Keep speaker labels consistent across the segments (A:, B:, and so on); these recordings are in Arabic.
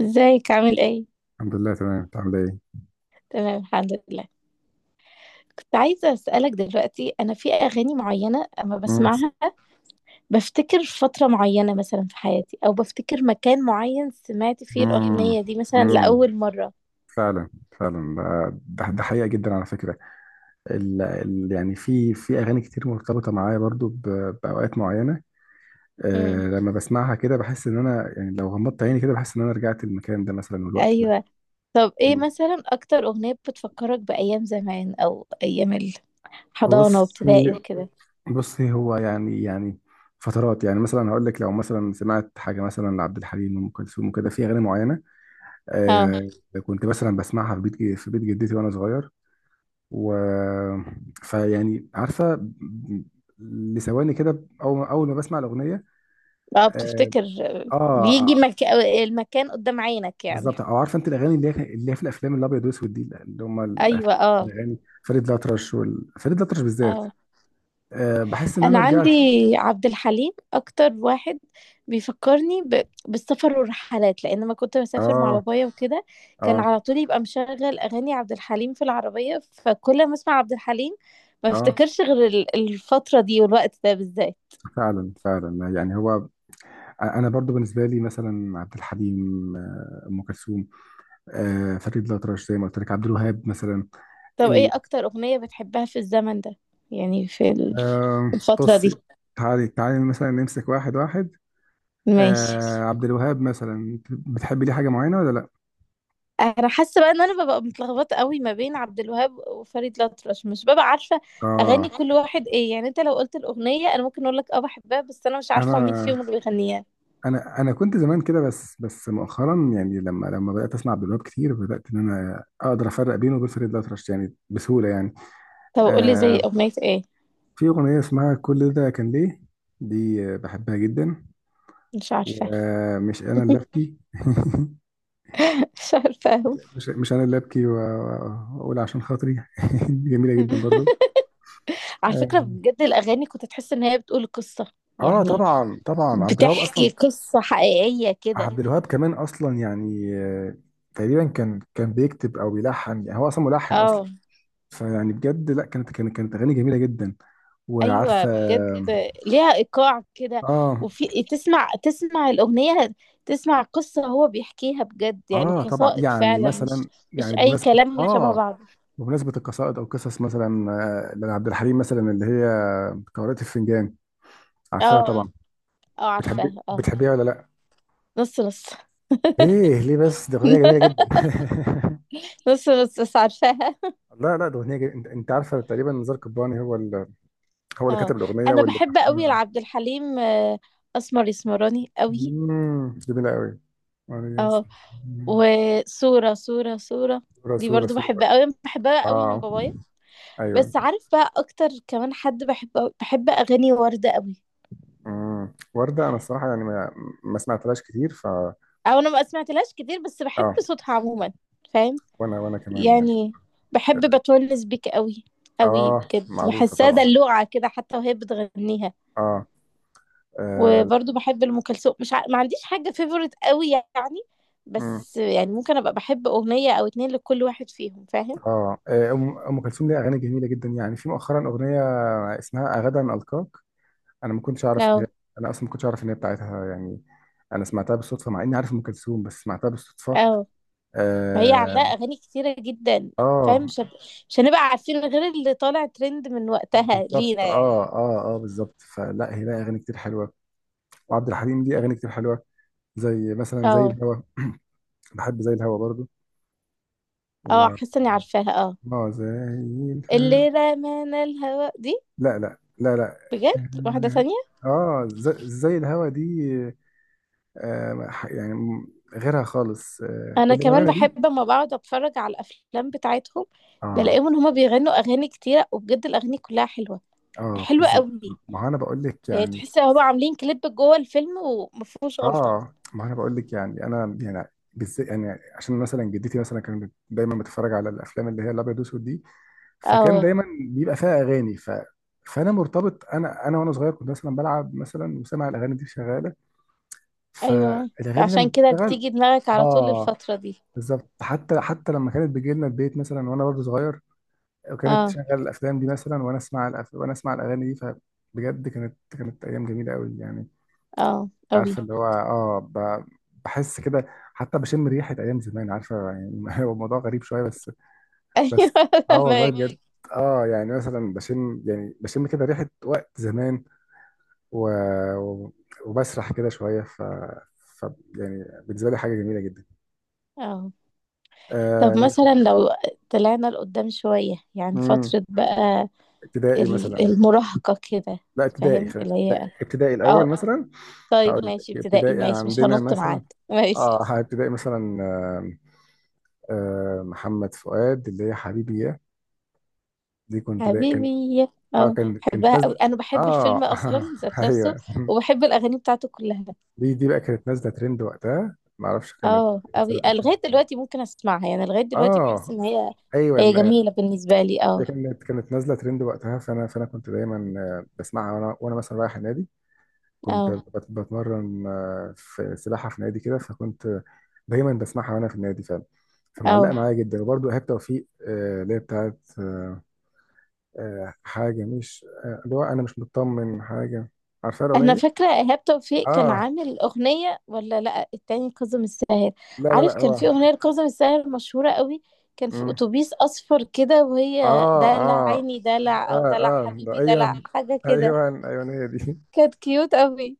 A: ازيك عامل ايه؟
B: الحمد لله تمام، انت عامل ايه؟
A: تمام الحمد لله. كنت عايزة أسألك دلوقتي، أنا في أغاني معينة أما
B: مم.
A: بسمعها بفتكر فترة معينة مثلا في حياتي، أو بفتكر مكان معين سمعت فيه
B: مم.
A: الأغنية دي مثلا
B: مم.
A: لأول مرة.
B: فعلا، فعلا. ده حقيقة جدا على فكرة. ال ال يعني في أغاني كتير مرتبطة معايا برضو بأوقات معينة.
A: امم.
B: لما بسمعها كده بحس إن أنا، يعني لو غمضت عيني كده، بحس إن أنا رجعت المكان ده مثلا والوقت ده.
A: أيوة. طب ايه
B: مم.
A: مثلا أكتر أغنية بتفكرك بأيام زمان أو أيام الحضانة
B: بص
A: وابتدائي وكده؟
B: بصي، هو يعني فترات، يعني مثلا هقول لك لو مثلا سمعت حاجة مثلا لعبد الحليم وأم كلثوم وكده في أغاني معينة.
A: اه
B: أه. كنت مثلا بسمعها في بيت جدتي وأنا صغير، و فيعني عارفه لثواني كده، اول ما بسمع الاغنيه.
A: اه،
B: اه،
A: بتفتكر، بيجي
B: آه،
A: مك... المكان قدام عينك يعني.
B: بالظبط. او عارفه انت الاغاني اللي هي في الافلام الابيض واسود دي، اللي هم
A: أيوة اه.
B: الاغاني، فريد الأطرش بالذات.
A: اه،
B: بحس ان
A: انا
B: انا
A: عندي
B: رجعت.
A: عبد الحليم اكتر واحد بيفكرني بالسفر والرحلات، لان ما كنت بسافر مع
B: اه،
A: بابايا وكده. كان
B: اه،
A: على طول يبقى مشغل اغاني عبد الحليم في العربية، فكل ما اسمع عبد الحليم ما
B: اه.
A: افتكرش غير الفترة دي والوقت ده بالذات.
B: فعلا، فعلا، يعني هو انا برضو بالنسبه لي مثلا عبد الحليم، ام كلثوم، فريد الأطرش زي ما قلت لك، عبد الوهاب مثلا.
A: طب ايه اكتر اغنية بتحبها في الزمن ده؟ يعني في الفترة
B: بصي.
A: دي.
B: تعالي تعالي مثلا نمسك واحد واحد.
A: ماشي.
B: آه. عبد الوهاب مثلا بتحبي ليه حاجة معينة ولا لأ؟
A: انا حاسه بقى ان انا ببقى متلخبطه قوي ما بين عبد الوهاب وفريد الأطرش، مش ببقى عارفه
B: اه.
A: اغاني كل واحد ايه. يعني انت لو قلت الاغنيه انا ممكن اقول لك اه بحبها، بس انا مش
B: أنا
A: عارفه مين
B: أنا
A: فيهم اللي بيغنيها.
B: أنا كنت زمان كده، بس مؤخرا يعني لما بدأت أسمع عبد الوهاب كتير، بدأت إن أنا أقدر أفرق بينه وبين فريد الأطرش يعني بسهولة، يعني هو.
A: طب قول لي زي
B: آه.
A: اغنيه ايه؟
B: في أغنية اسمها كل ده كان ليه، دي آه، بحبها جدا.
A: مش عارفه.
B: ومش أنا اللي أبكي
A: مش عارفه أوي.
B: مش أنا اللي أبكي وأقول عشان خاطري دي جميلة جدا برضو.
A: على
B: آه،
A: فكره بجد الاغاني كنت تحس ان هي بتقول قصه،
B: اه،
A: يعني
B: طبعا، طبعا. عبد الوهاب اصلا
A: بتحكي
B: بتحكي.
A: قصه حقيقيه كده.
B: عبد الوهاب كمان اصلا يعني، تقريبا كان بيكتب او بيلحن، يعني هو اصلا ملحن اصلا.
A: اه
B: فيعني بجد، لا، كانت اغاني جميله جدا
A: ايوه
B: وعارفه،
A: بجد.
B: جدا.
A: ليها ايقاع كده،
B: اه،
A: وفي تسمع الاغنيه، تسمع قصه هو بيحكيها بجد، يعني
B: اه، يعني طبعا، يعني
A: قصائد
B: يعني
A: فعلا، مش
B: مثلا،
A: مش
B: يعني
A: اي
B: بمناسبه بتسألني
A: كلام
B: كمان،
A: شبه بعض.
B: طبعا، بمناسبه القصائد او قصص مثلا. آه، لعبد الحليم مثلا اللي هي قارئة الفنجان. عارفاها؟ اه، طبعا،
A: اه
B: طبعا.
A: اه، عارفاها اه.
B: بتحبيها ولا لا؟
A: نص نص.
B: بحب، ليه بس دي اغنيه جميله جدا
A: نص نص بس عارفاها
B: لا، لا، ده اغنيه انت عارفه، تقريبا نزار قباني هو اللي
A: اه.
B: كاتب الاغنيه
A: انا
B: واللي
A: بحب قوي
B: ملحنها.
A: لعبد الحليم، آه، اسمر يسمراني قوي.
B: امم، جميله قوي. ماريوس.
A: اه،
B: مم.
A: وصوره صوره صوره
B: صوره
A: دي
B: صوره
A: برضو
B: صوره.
A: بحبها قوي، بحبها قوي
B: اه،
A: من بابايا.
B: ايوه.
A: بس عارف بقى، اكتر كمان حد بحب اغاني وردة قوي.
B: امم، ورده، انا الصراحه يعني ما سمعتلهاش كتير، ف...
A: او انا ما سمعتلهاش كتير، بس بحب
B: اه،
A: صوتها عموما. فاهم.
B: وانا كمان يعني.
A: يعني بحب بتونس بيك قوي قوي،
B: اه،
A: بجد
B: معروفه
A: بحسها
B: طبعا.
A: دلوعة كده حتى وهي بتغنيها.
B: اه. اه.
A: وبرضه بحب ام كلثوم، مش ع... ما عنديش حاجة فيفورت قوي يعني.
B: مم.
A: بس يعني ممكن ابقى بحب اغنية او اتنين لكل واحد فيهم، فاهم.
B: آه. آه، أم كلثوم ليها اغاني جميله جدا، يعني في مؤخرا اغنيه اسمها اغدا القاك. انا ما كنتش اعرف ان
A: اه
B: هي انا اصلا ما كنتش اعرف ان هي بتاعتها يعني. انا سمعتها بالصدفه مع اني عارف ام كلثوم، بس سمعتها بالصدفه.
A: اه، ما هي عندها
B: اه،
A: اغاني كتيرة جدا. فاهم،
B: آه،
A: مش هنبقى عارفين غير اللي طالع ترند من وقتها
B: بالظبط،
A: لينا يعني.
B: اه، اه، اه، بالظبط. فلا هي لها اغاني كتير حلوه، وعبد الحليم ليه اغاني كتير حلوه، زي مثلا زي
A: اه
B: الهوا. بحب زي الهوا برضو،
A: اه،
B: و
A: حاسه اني عارفاها اه.
B: اه، زي الهوا.
A: اللي رمانا الهواء دي؟
B: لا، لا، لا، لا.
A: بجد؟ واحده تانية.
B: اه، زي, زي الهوا دي، آه يعني غيرها خالص، آه،
A: انا
B: اللي
A: كمان
B: بأمانة دي.
A: بحب اما بقعد اتفرج على الافلام بتاعتهم
B: اه،
A: بلاقيهم ان هما بيغنوا اغاني كتيره، وبجد الاغاني كلها حلوه،
B: اه،
A: حلوه
B: بالظبط.
A: قوي.
B: ما هو انا بقول لك
A: يعني
B: يعني.
A: تحس ان هما عاملين كليب جوه الفيلم ومفهوش غلطه.
B: اه، ما هو انا بقول لك يعني انا يعني، بالذات يعني، عشان مثلا جدتي مثلا كانت دايما بتتفرج على الافلام اللي هي الابيض واسود دي، فكان
A: اه
B: دايما بيبقى فيها اغاني، ف... فانا مرتبط، انا وانا صغير كنت مثلا بلعب مثلا وسامع الاغاني دي شغاله. اه.
A: ايوه،
B: فالاغاني لما
A: عشان كده
B: بتشتغل.
A: بتيجي دماغك على طول
B: اه،
A: الفتره دي.
B: بالظبط. حتى لما كانت بتجي لنا البيت مثلا وانا برضه صغير، وكانت
A: اه
B: تشغل الافلام دي مثلا، وانا اسمع وانا اسمع الاغاني دي، فبجد كانت كانت ايام جميله قوي يعني.
A: اه قوي.
B: عارفه، اللي هو اه، بحس كده. حتى بشم ريحه ايام زمان، عارفه يعني هو الموضوع غريب شويه بس.
A: ايوه،
B: بس، اه، اه، والله بجد
A: فاهمك.
B: فاهماك. اه، يعني مثلا بشم، يعني بشم كده ريحه وقت زمان، و... و- وبسرح كده شويه، ف يعني بالنسبه لي حاجه جميله جدا.
A: اه طب
B: آه...
A: مثلا لو طلعنا لقدام شويه، يعني
B: مم،
A: فتره بقى
B: ابتدائي مثلا.
A: المراهقة كده.
B: لا، ابتدائي
A: فاهم
B: خلينا،
A: اللي
B: لا،
A: هي.
B: ابتدائي الاول، اه،
A: اه.
B: مثلا.
A: طيب
B: هقول اه لك
A: ماشي ابتدائي،
B: ابتدائي ماشي
A: ماشي، مش
B: عندنا بصراحة
A: هنط معاك.
B: مثلا.
A: ماشي.
B: اه، اه، ابتدائي مثلا، آه، آه، محمد فؤاد اللي هي حبيبي. دي كنت دا كان،
A: حبيبي،
B: اه، اه،
A: اه
B: كانت
A: بحبها قوي،
B: نازله.
A: انا بحب الفيلم
B: اه
A: اصلا ذات
B: ايوه.
A: نفسه. وبحب الاغاني بتاعته كلها.
B: دي بقى كانت نازله ترند وقتها، ما اعرفش كانت.
A: اه
B: كانت سنه
A: قوي لغاية
B: 2000،
A: دلوقتي ممكن اسمعها، يعني لغاية دلوقتي بحس
B: اه،
A: ان هي،
B: ايوه،
A: هي
B: آه.
A: جميلة بالنسبة لي
B: دي
A: اه.
B: كانت كانت نازله ترند وقتها، فانا كنت دايما، آه، بسمعها وانا مثلا رايح النادي. كنت
A: اه
B: بتمرن، آه، في سباحه في نادي كده، فكنت دايما بسمعها وانا في النادي فعلا. فمعلقه
A: اه.
B: معايا جدا. وبرده ايهاب توفيق، آه، اللي هي بتاعت، آه، آه، حاجه مش، آه، اللي هو انا مش مطمن حاجه. عارفه
A: انا
B: الاغنيه؟
A: فاكره ايهاب توفيق كان
B: اه.
A: عامل اغنيه ولا لا، التاني كاظم الساهر.
B: لا لا
A: عارف
B: لا
A: كان
B: هو.
A: في اغنيه لكاظم الساهر مشهوره قوي، كان في
B: مم.
A: اتوبيس اصفر كده، وهي
B: اه،
A: دلع
B: اه،
A: عيني دلع، او
B: اه،
A: دلع
B: اه، ده،
A: حبيبي دلع،
B: ايوه.
A: حاجه كده.
B: ايوه، ايوه، هي دي.
A: كانت كيوت قوي.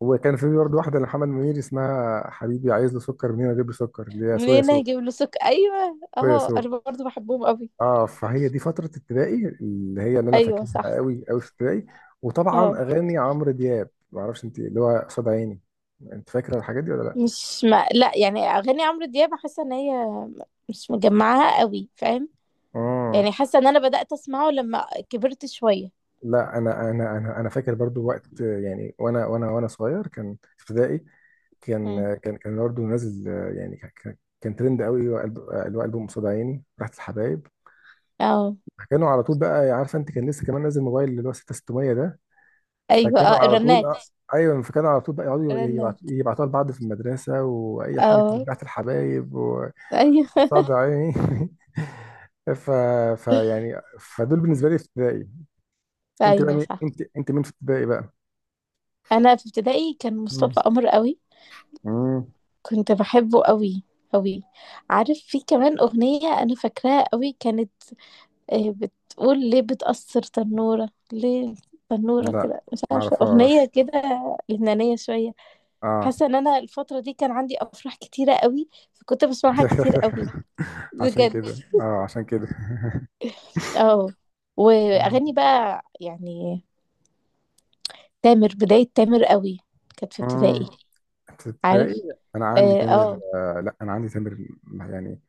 B: وكان في برضه واحده لمحمد منير اسمها حبيبي عايز له سكر منين اجيب له سكر، اللي هي سو يا
A: ومنين هنا
B: سو،
A: هجيب له ايوه
B: سو يا
A: اهو،
B: سو.
A: انا برضو بحبهم قوي.
B: اه، فهي دي فتره ابتدائي اللي هي اللي انا
A: ايوه
B: فاكرها
A: صح.
B: قوي قوي في ابتدائي. وطبعا
A: اه،
B: اغاني عمرو دياب، ما اعرفش انت، اللي هو قصاد عيني. انت فاكره الحاجات دي ولا لا؟
A: مش ما لا يعني، اغاني عمرو دياب حاسه ان هي مش مجمعاها قوي، فاهم.
B: اه،
A: يعني حاسه ان انا بدات اسمعه لما كبرت شويه.
B: لا، انا فاكر برضو وقت يعني، وانا صغير كان في ابتدائي.
A: مم.
B: كان برضه نازل، آه، يعني كان ترند قوي اللي هو، آه، اللي هو ألبوم قصاد عيني راحت الحبايب.
A: اه
B: فكانوا على طول بقى، عارفه، انت كان لسه كمان نازل موبايل اللي هو 6600 ده.
A: ايوه.
B: فكانوا
A: اه
B: على طول،
A: الرنات.
B: آه، ايوه. فكانوا على طول بقى يقعدوا يبعتوا
A: الرنات.
B: يبعتوها لبعض في المدرسه، واي حاجه
A: اه
B: بتاعت الحبايب وقصاد
A: ايوه.
B: عيني ف فيعني فدول بالنسبه لي في ابتدائي. انت بقى
A: ايوه
B: مين؟
A: صح.
B: انت مين في ابتدائي بقى؟
A: انا في ابتدائي كان
B: مم.
A: مصطفى قمر قوي.
B: مم.
A: كنت بحبه قوي قوي. عارف في كمان اغنيه انا فاكراها قوي، كانت آه، بتقول ليه بتأثر تنوره ليه، تنوره
B: لا،
A: كده، مش
B: ما
A: عارفه اغنيه
B: اعرفهاش.
A: كده لبنانيه شويه.
B: اه
A: حاسه ان انا الفتره دي كان عندي افراح كتيره قوي، فكنت بسمعها كتير قوي،
B: عشان
A: بجد.
B: كده اه، عشان كده
A: اه واغاني بقى يعني، تامر، بداية تامر قوي كانت في ابتدائي.
B: اه، تلاقي،
A: عارف.
B: انا عندي
A: اه
B: تامر،
A: اه،
B: آه، لا، انا عندي تامر، يعني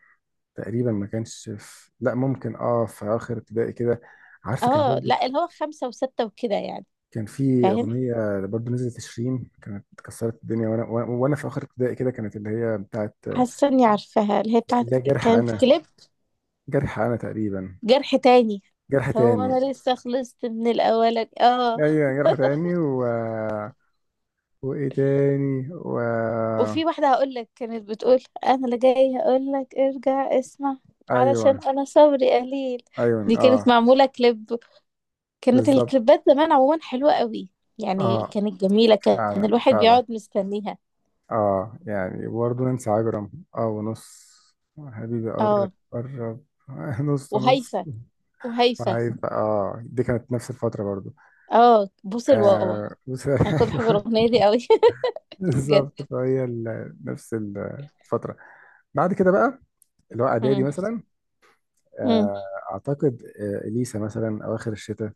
B: تقريبا ما كانش في، لا، ممكن اه، في اخر ابتدائي كده. عارفه كان
A: آه،
B: برضو
A: لا اللي هو خمسة وستة وكده يعني.
B: كان في
A: فاهم.
B: اغنيه برضو نزلت شيرين كانت كسرت الدنيا، وانا وانا وأنا في اخر ابتدائي كده، كانت اللي هي بتاعت، آه،
A: حاسة اني عارفاها اللي هي بتاعت،
B: اللي هي جرح
A: كانت
B: انا.
A: كليب،
B: جرح انا تقريبا.
A: جرح تاني.
B: جرح
A: هو
B: تاني.
A: انا لسه خلصت من الاولاني اه.
B: ايوه جرح تاني، وايه تاني
A: وفي واحدة هقول لك كانت بتقول انا اللي جاي هقول لك ارجع اسمع
B: ايوه،
A: علشان انا صبري قليل.
B: ايوه،
A: دي
B: اه،
A: كانت معمولة كليب. كانت
B: بالظبط،
A: الكليبات زمان عموما حلوة قوي، يعني
B: اه،
A: كانت جميلة، كان
B: فعلا،
A: الواحد
B: فعلا.
A: بيقعد مستنيها.
B: اه، يعني برضه ننسى عجرم، اه ونص. حبيبي قرب
A: اه.
B: قرب نص نص.
A: وهيفا. وهيفا.
B: وعايفة اه، دي كانت نفس الفترة برضه،
A: اه بوس الواوا،
B: آه بس
A: انا كنت بحب
B: ايوه.
A: الاغنيه دي قوي. بجد.
B: بالظبط، فهي نفس الفترة. بعد كده بقى اللي هو اعدادي
A: امم.
B: مثلا.
A: امم.
B: آه، اعتقد، آه، اليسا مثلا اواخر الشتاء.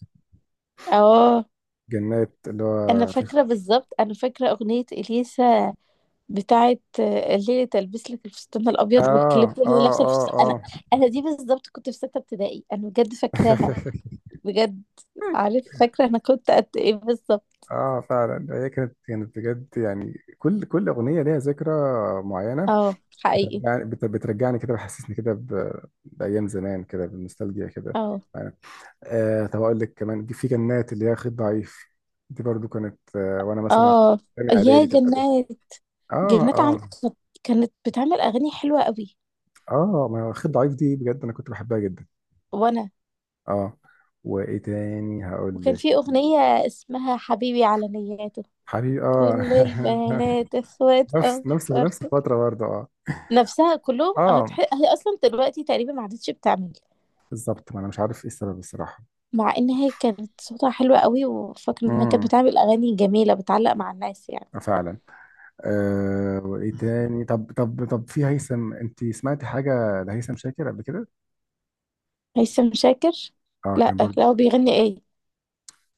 A: اه
B: جنات، اللي
A: انا
B: هو في،
A: فاكره بالظبط، انا فاكره اغنيه اليسا بتاعه آه، الليله تلبس لك الفستان الابيض، والكليب
B: اه،
A: اللي
B: اه،
A: هي لابسه الفستان. انا
B: اه،
A: انا دي بالظبط كنت في سته ابتدائي انا، بجد فاكراها.
B: اه
A: بجد. عارف فاكره انا كنت قد ايه بالظبط.
B: اه، فعلا. هي كانت كانت بجد، يعني كل اغنيه ليها ذكرى معينه.
A: اه حقيقي.
B: بترجعني، بترجعني كده، بحسسني كده بايام زمان كده، بالنوستالجيا كده
A: اه
B: يعني. آه، طب اقول لك كمان في جنات اللي هي خيط ضعيف، دي برضو كانت آه، وانا مثلا في
A: اه،
B: تاني
A: يا
B: اعدادي، تالتة اعدادي.
A: جنات.
B: اه،
A: جنات عم،
B: اه،
A: كانت بتعمل اغاني حلوه قوي.
B: اه. ما هو خيط ضعيف دي بجد انا كنت بحبها جدا.
A: وانا،
B: اه. وايه تاني هقول
A: وكان
B: لك؟
A: في أغنية اسمها حبيبي على نياته،
B: حبيبي، اه
A: كل البنات اخوات
B: نفس
A: افكارته،
B: الفتره برضه. اه،
A: نفسها كلهم
B: اه،
A: هي اصلا دلوقتي تقريبا ما عادتش بتعمل.
B: بالظبط، ما انا مش عارف ايه السبب الصراحه.
A: مع ان هي كانت صوتها حلو قوي، وفاكره انها كانت
B: امم،
A: بتعمل اغاني جميله بتعلق مع الناس يعني.
B: آه، فعلا. أه، وايه تاني؟ طب في هيثم، انت سمعتي حاجه لهيثم شاكر قبل كده؟
A: هيثم شاكر؟
B: اه،
A: لا
B: كان برضه.
A: لا، هو بيغني ايه؟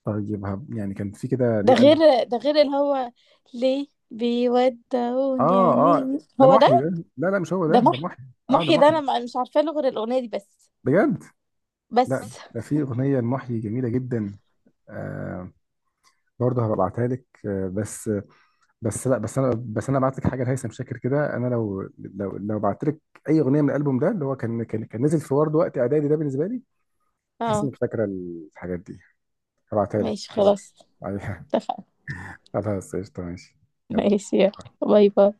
B: طيب يعني كان في كده ليه قلب،
A: ده غير اللي هو ليه بيودعوني،
B: اه، اه،
A: يعني
B: ده
A: هو ده؟
B: محيي ده. لا، لا، مش هو ده،
A: ده
B: ده
A: محي.
B: محيي، اه، ده
A: محي ده انا
B: محيي.
A: مش عارفه له غير الاغنيه دي بس.
B: بجد. لا
A: بس.
B: ده في اغنيه لمحيي جميله جدا، آه، برضه هبعتها لك، آه. بس، لا، بس انا بعت لك حاجه لهيثم شاكر كده. انا لو بعت لك اي اغنيه من الالبوم ده، اللي هو كان نزل في ورد وقت اعدادي ده بالنسبه لي، تحس
A: اه
B: انك فاكره الحاجات دي. هبعتها لك
A: ماشي
B: كده
A: خلاص،
B: عليها.
A: اتفقنا.
B: خلاص قشطة، ماشي.
A: ماشي يلا.
B: يلا.
A: باي باي.